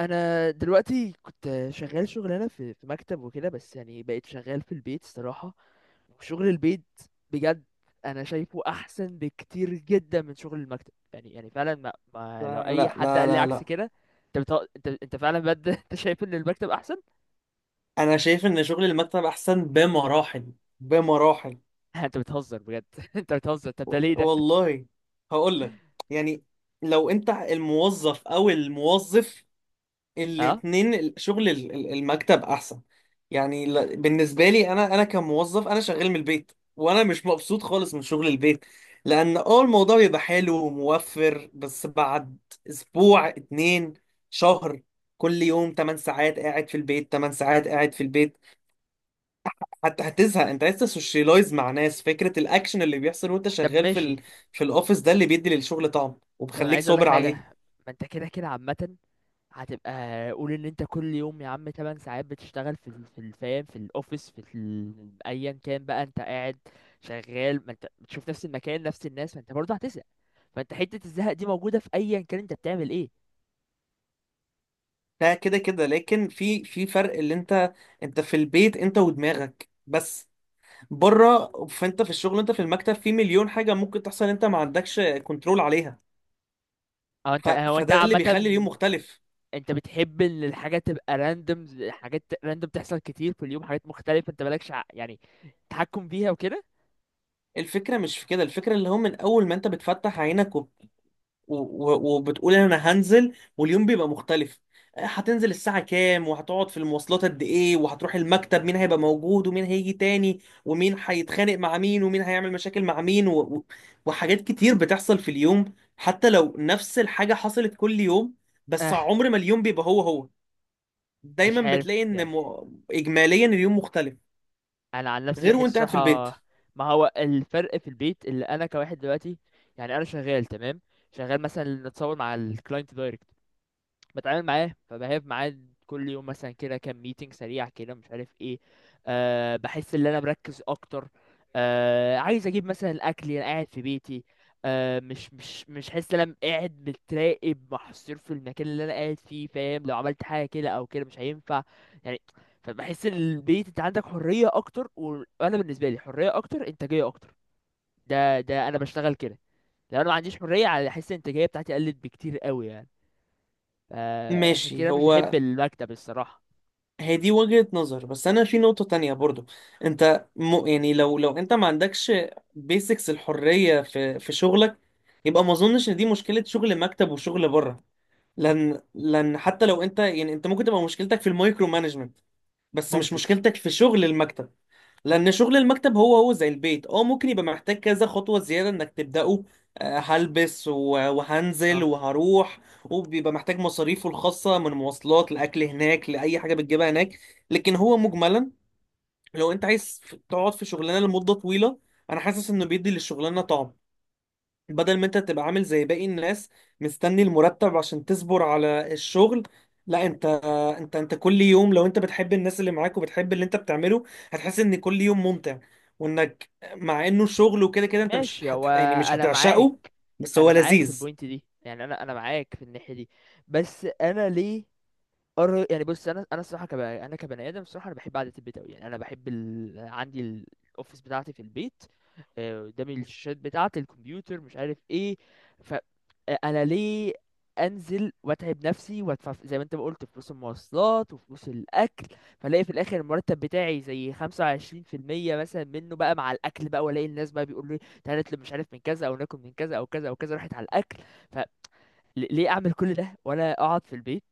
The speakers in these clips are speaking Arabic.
انا دلوقتي كنت شغال شغلانه في مكتب وكده، بس يعني بقيت شغال في البيت الصراحه، وشغل البيت بجد انا شايفه احسن بكتير جدا من شغل المكتب. يعني فعلا ما لو لا اي لا حد لا قال لي لا عكس لا. كده. انت بتهزر، انت فعلا بجد؟ انت شايف ان المكتب احسن؟ انا شايف ان شغل المكتب احسن بمراحل، بمراحل. انت بتهزر بجد انت بتهزر، طب ده ليه ده؟ والله هقول لك، يعني لو انت الموظف او الموظف اه. الاتنين، شغل المكتب احسن. يعني بالنسبه لي، انا كموظف انا شغال من البيت وانا مش مبسوط خالص من شغل البيت، لان اه الموضوع بيبقى حلو وموفر، بس بعد اسبوع، اتنين، شهر، كل يوم 8 ساعات قاعد في البيت، 8 ساعات قاعد في البيت، حتى هتزهق. انت عايز تسوشيلايز مع ناس، فكره الاكشن اللي بيحصل وانت طب شغال في ماشي. في الاوفيس، ده اللي بيدي للشغل طعم طب انا وبخليك عايز اقول لك صابر عليه. حاجه. ما انت كده كده عامه هتبقى قول ان انت كل يوم يا عم 8 ساعات بتشتغل في الفام في الاوفيس ايا كان بقى انت قاعد شغال، ما انت بتشوف نفس المكان نفس الناس، ما انت برضه هتزهق. فانت حتة الزهق دي موجودة في ايا كان انت بتعمل ايه. ده كده كده، لكن في فرق. اللي انت، انت في البيت انت ودماغك بس. بره، فانت في الشغل، انت في المكتب، في مليون حاجه ممكن تحصل انت ما عندكش كنترول عليها. او انت هو انت فده اللي عامة. بيخلي اليوم مختلف. انت بتحب ان الحاجة تبقى راندوم، حاجات راندوم تحصل كتير في اليوم، حاجات مختلفة انت مالكش يعني تحكم فيها وكده. الفكره مش في كده، الفكره اللي هو من اول ما انت بتفتح عينك وبتقول انا هنزل، واليوم بيبقى مختلف. آه، هتنزل الساعة كام، وهتقعد في المواصلات قد ايه، وهتروح المكتب مين هيبقى موجود ومين هيجي تاني ومين هيتخانق مع مين ومين هيعمل مشاكل مع مين وحاجات كتير بتحصل في اليوم، حتى لو نفس الحاجة حصلت كل يوم، بس اه عمر ما اليوم بيبقى هو هو. دايما مش عارف بتلاقي ان يعني. اجماليا اليوم مختلف، انا عن نفسي غير وانت بحس قاعد في البيت. صراحه ما هو الفرق في البيت اللي انا كواحد دلوقتي. يعني انا شغال تمام، شغال مثلا نتصور مع الكلاينت دايركت، بتعامل معاه فبهاب معاه كل يوم مثلا، كده كام ميتنج سريع كده مش عارف ايه. أه بحس ان انا مركز اكتر. أه عايز اجيب مثلا الاكل انا قاعد في بيتي. أه مش حاسس ان انا قاعد متراقب محصور في المكان اللي انا قاعد فيه، فاهم؟ لو عملت حاجه كده او كده مش هينفع يعني. فبحس ان البيت انت عندك حريه اكتر، وانا بالنسبه لي حريه اكتر، انتاجيه اكتر. ده انا بشتغل كده. لو انا ما عنديش حريه على احس الانتاجيه بتاعتي قلت بكتير قوي يعني. عشان ماشي. كده مش بحب هو المكتب الصراحة. هي دي وجهة نظر، بس انا في نقطة تانية برضو. انت يعني لو انت ما عندكش بيسكس الحرية في شغلك، يبقى ما اظنش ان دي مشكلة شغل مكتب وشغل بره. لان حتى لو انت، يعني انت ممكن تبقى مشكلتك في المايكرو مانجمنت، بس مش ممكن. مشكلتك في شغل المكتب. لان شغل المكتب هو هو زي البيت، اه ممكن يبقى محتاج كذا خطوة زيادة انك تبدأه، آه، هلبس وهنزل اه وهروح، وبيبقى محتاج مصاريفه الخاصة، من مواصلات، لأكل هناك، لأي حاجة بتجيبها هناك. لكن هو مجملا، لو انت عايز تقعد في شغلانة لمدة طويلة، انا حاسس انه بيدي للشغلانة طعم، بدل ما انت تبقى عامل زي باقي الناس مستني المرتب عشان تصبر على الشغل. لا، انت كل يوم، لو انت بتحب الناس اللي معاك وبتحب اللي انت بتعمله، هتحس ان كل يوم ممتع، وانك مع انه شغل وكده كده انت مش ماشي هت... هو. يعني مش انا معاك هتعشقه، بس هو انا معاك في لذيذ. البوينت دي. يعني انا معاك في الناحية دي. بس انا ليه؟ يعني بص، انا الصراحه انا كبني ادم الصراحه انا بحب قعده البيت قوي يعني. انا بحب عندي الاوفيس بتاعتي في البيت. قدامي الشاشات بتاعتي الكمبيوتر مش عارف ايه. ف انا ليه انزل واتعب نفسي وادفع زي ما انت ما قلت فلوس المواصلات وفلوس الاكل، فلاقي في الاخر المرتب بتاعي زي 25% مثلا منه بقى مع الاكل بقى، والاقي الناس بقى بيقولوا لي تعالى نطلب مش عارف من كذا، او ناكل من كذا او كذا او كذا، راحت على الاكل. ليه اعمل كل ده وانا اقعد في البيت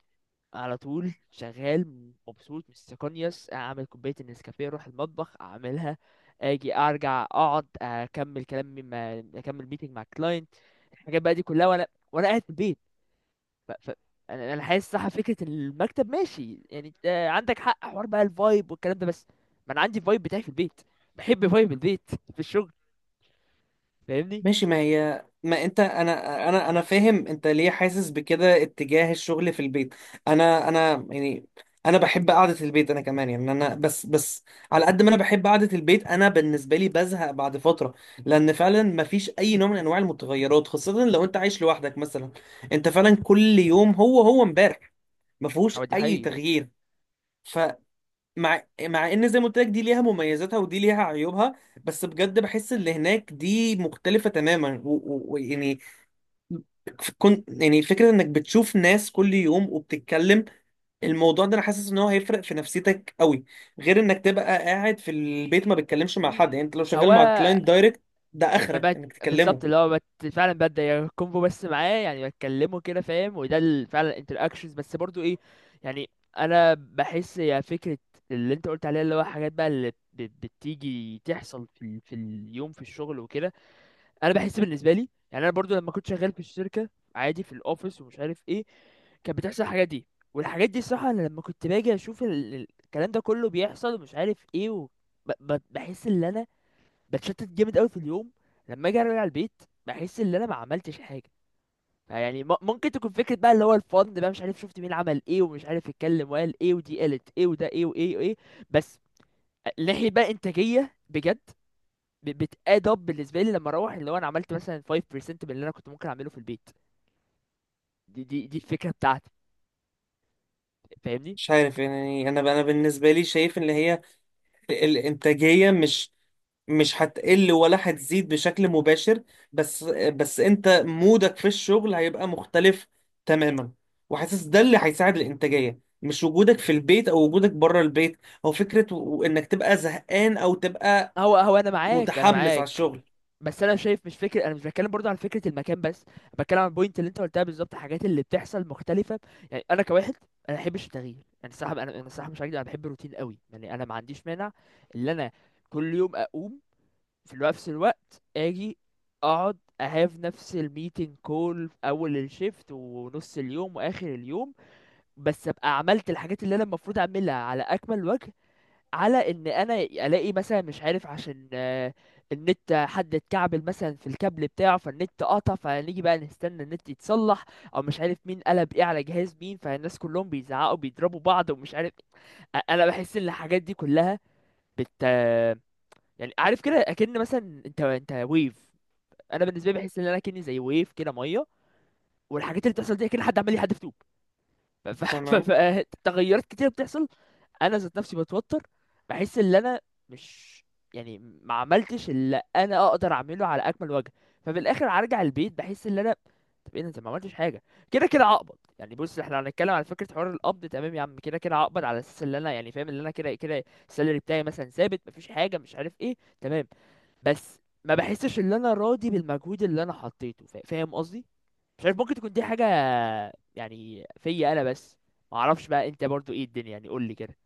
على طول شغال مبسوط مستقنيس، اعمل كوبايه النسكافيه اروح المطبخ اعملها، اجي ارجع اقعد اكمل كلامي مع اكمل ميتنج مع الكلاينت. الحاجات بقى دي كلها وانا وانا قاعد في البيت. ف... ف... انا حاسس صح فكره المكتب ماشي يعني، انت عندك حق حوار بقى الفايب والكلام ده، بس ما انا عندي الفايب بتاعي في البيت، بحب فايب البيت في الشغل. فاهمني؟ ماشي. ما هي، ما انت، انا فاهم انت ليه حاسس بكده اتجاه الشغل في البيت. انا يعني انا بحب قعدة البيت انا كمان، يعني انا بس على قد ما انا بحب قعدة البيت، انا بالنسبة لي بزهق بعد فترة، لان فعلا ما فيش اي نوع من انواع المتغيرات، خاصة لو انت عايش لوحدك مثلا. انت فعلا كل يوم هو هو امبارح، ما فيهوش هو دي اي حقيقي. تغيير. مع ان زي ما قلت لك دي ليها مميزاتها ودي ليها عيوبها، بس بجد بحس اللي هناك دي مختلفة تماما. ويعني كنت، يعني فكرة انك بتشوف ناس كل يوم وبتتكلم، الموضوع ده انا حاسس ان هو هيفرق في نفسيتك قوي، غير انك تبقى قاعد في البيت ما بتكلمش م- مع حد. يعني م. انت لو هو شغال مع الكلاينت دايركت، ده ما اخرك بقت انك تكلمه. بالظبط اللي هو فعلا ببدأ كونفو بس معاه يعني، بتكلمه كده فاهم، وده فعلا انتراكشنز بس برضو ايه يعني. انا بحس يا فكرة اللي انت قلت عليها اللي هو حاجات بقى اللي بتيجي تحصل في في اليوم في الشغل وكده. انا بحس بالنسبة لي يعني انا برضو لما كنت شغال في الشركة عادي في الاوفيس ومش عارف ايه، كانت بتحصل الحاجات دي. والحاجات دي الصراحة انا لما كنت باجي اشوف الكلام ده كله بيحصل ومش عارف ايه بحس ان انا بتشتت جامد قوي في اليوم. لما اجي ارجع البيت بحس ان انا ما عملتش حاجه يعني. ممكن تكون فكره بقى اللي هو الفن بقى، مش عارف شفت مين عمل ايه ومش عارف اتكلم وقال ايه ودي قالت ايه وده ايه وايه وايه. بس ناحيه بقى انتاجيه بجد بتاد اب بالنسبه لي لما اروح اللي هو انا عملت مثلا 5% من اللي انا كنت ممكن اعمله في البيت. دي الفكره بتاعتي. فاهمني؟ مش عارف. يعني انا بالنسبة لي شايف ان هي الانتاجية مش هتقل ولا هتزيد بشكل مباشر، بس انت مودك في الشغل هيبقى مختلف تماما، وحاسس ده اللي هيساعد الانتاجية، مش وجودك في البيت او وجودك بره البيت، او فكرة انك تبقى زهقان او تبقى هو انا معاك، انا متحمس على معاك. الشغل. بس انا شايف مش فكره، انا مش بتكلم برضه عن فكره المكان بس، بتكلم عن البوينت اللي انت قلتها بالظبط، الحاجات اللي بتحصل مختلفه. يعني انا كواحد انا ما بحبش التغيير. يعني الصراحه انا الصراحه مش هكدب، انا بحب الروتين قوي يعني. انا ما عنديش مانع ان انا كل يوم اقوم في الوقت نفس الوقت، اجي اقعد اهاف نفس الميتنج كول في اول الشيفت ونص اليوم واخر اليوم، بس ابقى عملت الحاجات اللي انا المفروض اعملها على اكمل وجه. على ان انا الاقي مثلا مش عارف عشان النت حد اتكعبل مثلا في الكابل بتاعه فالنت قطع فنيجي بقى نستنى النت يتصلح، او مش عارف مين قلب ايه على جهاز مين فالناس كلهم بيزعقوا بيضربوا بعض ومش عارف. انا بحس ان الحاجات دي كلها بت آه، يعني عارف كده اكن مثلا انت ويف، انا بالنسبه لي بحس ان انا كني زي ويف كده ميه، والحاجات اللي بتحصل دي كده حد عمال يحدف طوب. تمام. فتغيرات كتير بتحصل. انا ذات نفسي بتوتر، بحس ان انا مش يعني ما عملتش اللي انا اقدر اعمله على اكمل وجه. ففي الاخر هرجع البيت بحس ان انا، طب ايه ده انت ما عملتش حاجه؟ كده كده هقبض يعني. بص احنا هنتكلم على فكره حوار القبض، تمام يا عم كده كده هقبض على اساس ان انا يعني فاهم ان انا كده كده السالري بتاعي مثلا ثابت مفيش حاجه مش عارف ايه، تمام. بس ما بحسش ان انا راضي بالمجهود اللي انا حطيته، فاهم قصدي؟ مش عارف ممكن تكون دي حاجه يعني فيا انا بس. ما اعرفش بقى انت برضو ايه الدنيا، يعني قول لي كده.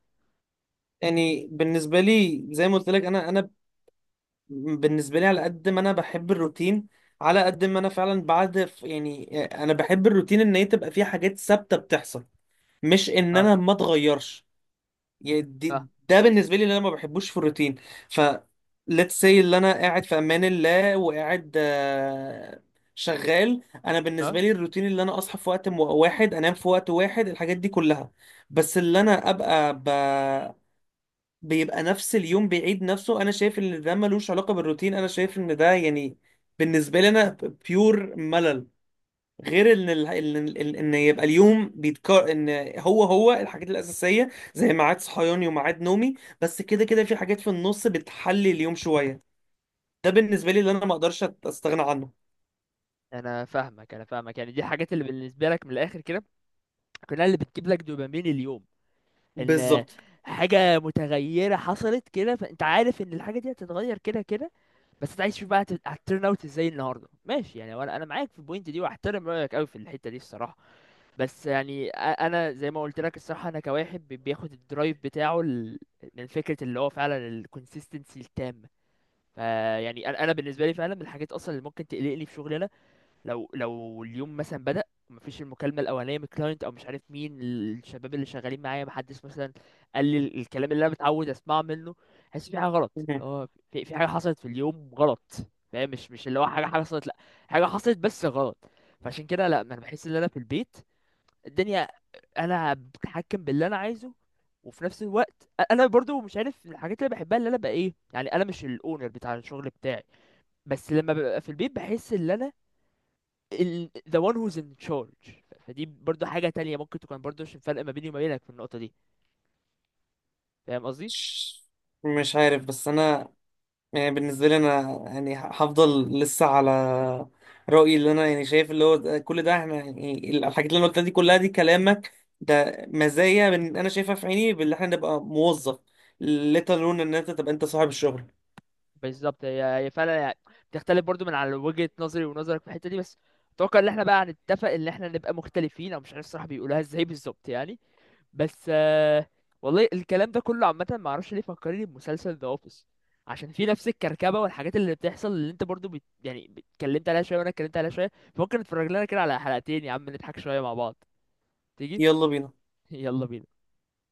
يعني بالنسبة لي زي ما قلت لك، انا بالنسبة لي على قد ما انا بحب الروتين، على قد ما انا فعلا، بعد، يعني انا بحب الروتين ان هي تبقى فيه حاجات ثابتة بتحصل، مش ان انا ما اتغيرش. يعني اه. ده بالنسبه لي اللي انا ما بحبوش في الروتين. ف let's say اللي انا قاعد في امان الله وقاعد، آه، شغال، انا اه، بالنسبه لي الروتين اللي انا اصحى في وقت واحد، انام في وقت واحد، الحاجات دي كلها. بس اللي انا ابقى بيبقى نفس اليوم بيعيد نفسه، انا شايف ان ده ملوش علاقه بالروتين. انا شايف ان ده يعني بالنسبه لي انا بيور ملل. غير ان ال... ان ان إن يبقى اليوم بيتكرر، ان هو هو الحاجات الاساسيه زي ميعاد صحياني وميعاد نومي، بس كده كده في حاجات في النص بتحلي اليوم شويه. ده بالنسبه لي اللي انا ما اقدرش استغنى عنه. انا فاهمك يعني، دي الحاجات اللي بالنسبه لك من الاخر كده كلها اللي بتجيب لك دوبامين اليوم. ان بالظبط. حاجه متغيره حصلت كده، فانت عارف ان الحاجه دي هتتغير كده كده، بس انت عايز تشوف بقى هتترن اوت ازاي النهارده ماشي يعني. وانا معاك في البوينت دي، واحترم رايك قوي في الحته دي الصراحه. بس يعني انا زي ما قلت لك الصراحه انا كواحد بياخد الدرايف بتاعه من فكره اللي هو فعلا الكونسيستنسي التامه. فيعني انا بالنسبه لي فعلا من الحاجات اصلا اللي ممكن تقلقني في شغلي، لو اليوم مثلا بدأ ومفيش المكالمة الأولانية من الكلاينت أو مش عارف مين الشباب اللي شغالين معايا، محدش مثلا قال لي الكلام اللي أنا متعود أسمعه منه، حاسس في حاجة غلط، اللي مهم. هو في حاجة حصلت في اليوم غلط. فاهم؟ مش اللي هو حاجة حصلت لأ، حاجة حصلت بس غلط. فعشان كده لأ، ما أنا بحس إن أنا في البيت الدنيا أنا بتحكم باللي أنا عايزه. وفي نفس الوقت انا برضو مش عارف، من الحاجات اللي بحبها اللي انا بقى ايه يعني، انا مش الاونر بتاع الشغل بتاعي، بس لما ببقى في البيت بحس ان انا the one who's in charge. فدي برضو حاجة تانية ممكن تكون برضو عشان فرق ما بيني وما بينك في النقطة دي. فاهم قصدي؟ مش مش عارف، بس انا يعني بالنسبة لي أنا يعني هفضل لسه على رأيي، اللي أنا يعني شايف اللي هو كل ده إحنا، يعني الحاجات اللي أنا قلتها دي كلها، دي كلامك، ده مزايا من أنا شايفها في عيني باللي إحنا نبقى موظف، لا تلون إن أنت تبقى أنت صاحب الشغل. بالظبط، هي فعلا يعني بتختلف برضو من على وجهة نظري ونظرك في الحتة دي. بس اتوقع ان احنا بقى هنتفق ان احنا نبقى مختلفين، او مش عارف الصراحة بيقولوها ازاي بالظبط يعني. بس والله الكلام ده كله عامة ما اعرفش ليه فكرني بمسلسل ذا اوفيس. عشان في نفس الكركبة والحاجات اللي بتحصل اللي انت برضو يعني اتكلمت عليها شوية وانا اتكلمت عليها شوية. فممكن نتفرج لنا كده على حلقتين يا عم نضحك شوية مع بعض. تيجي؟ يلا بينا. يلا بينا.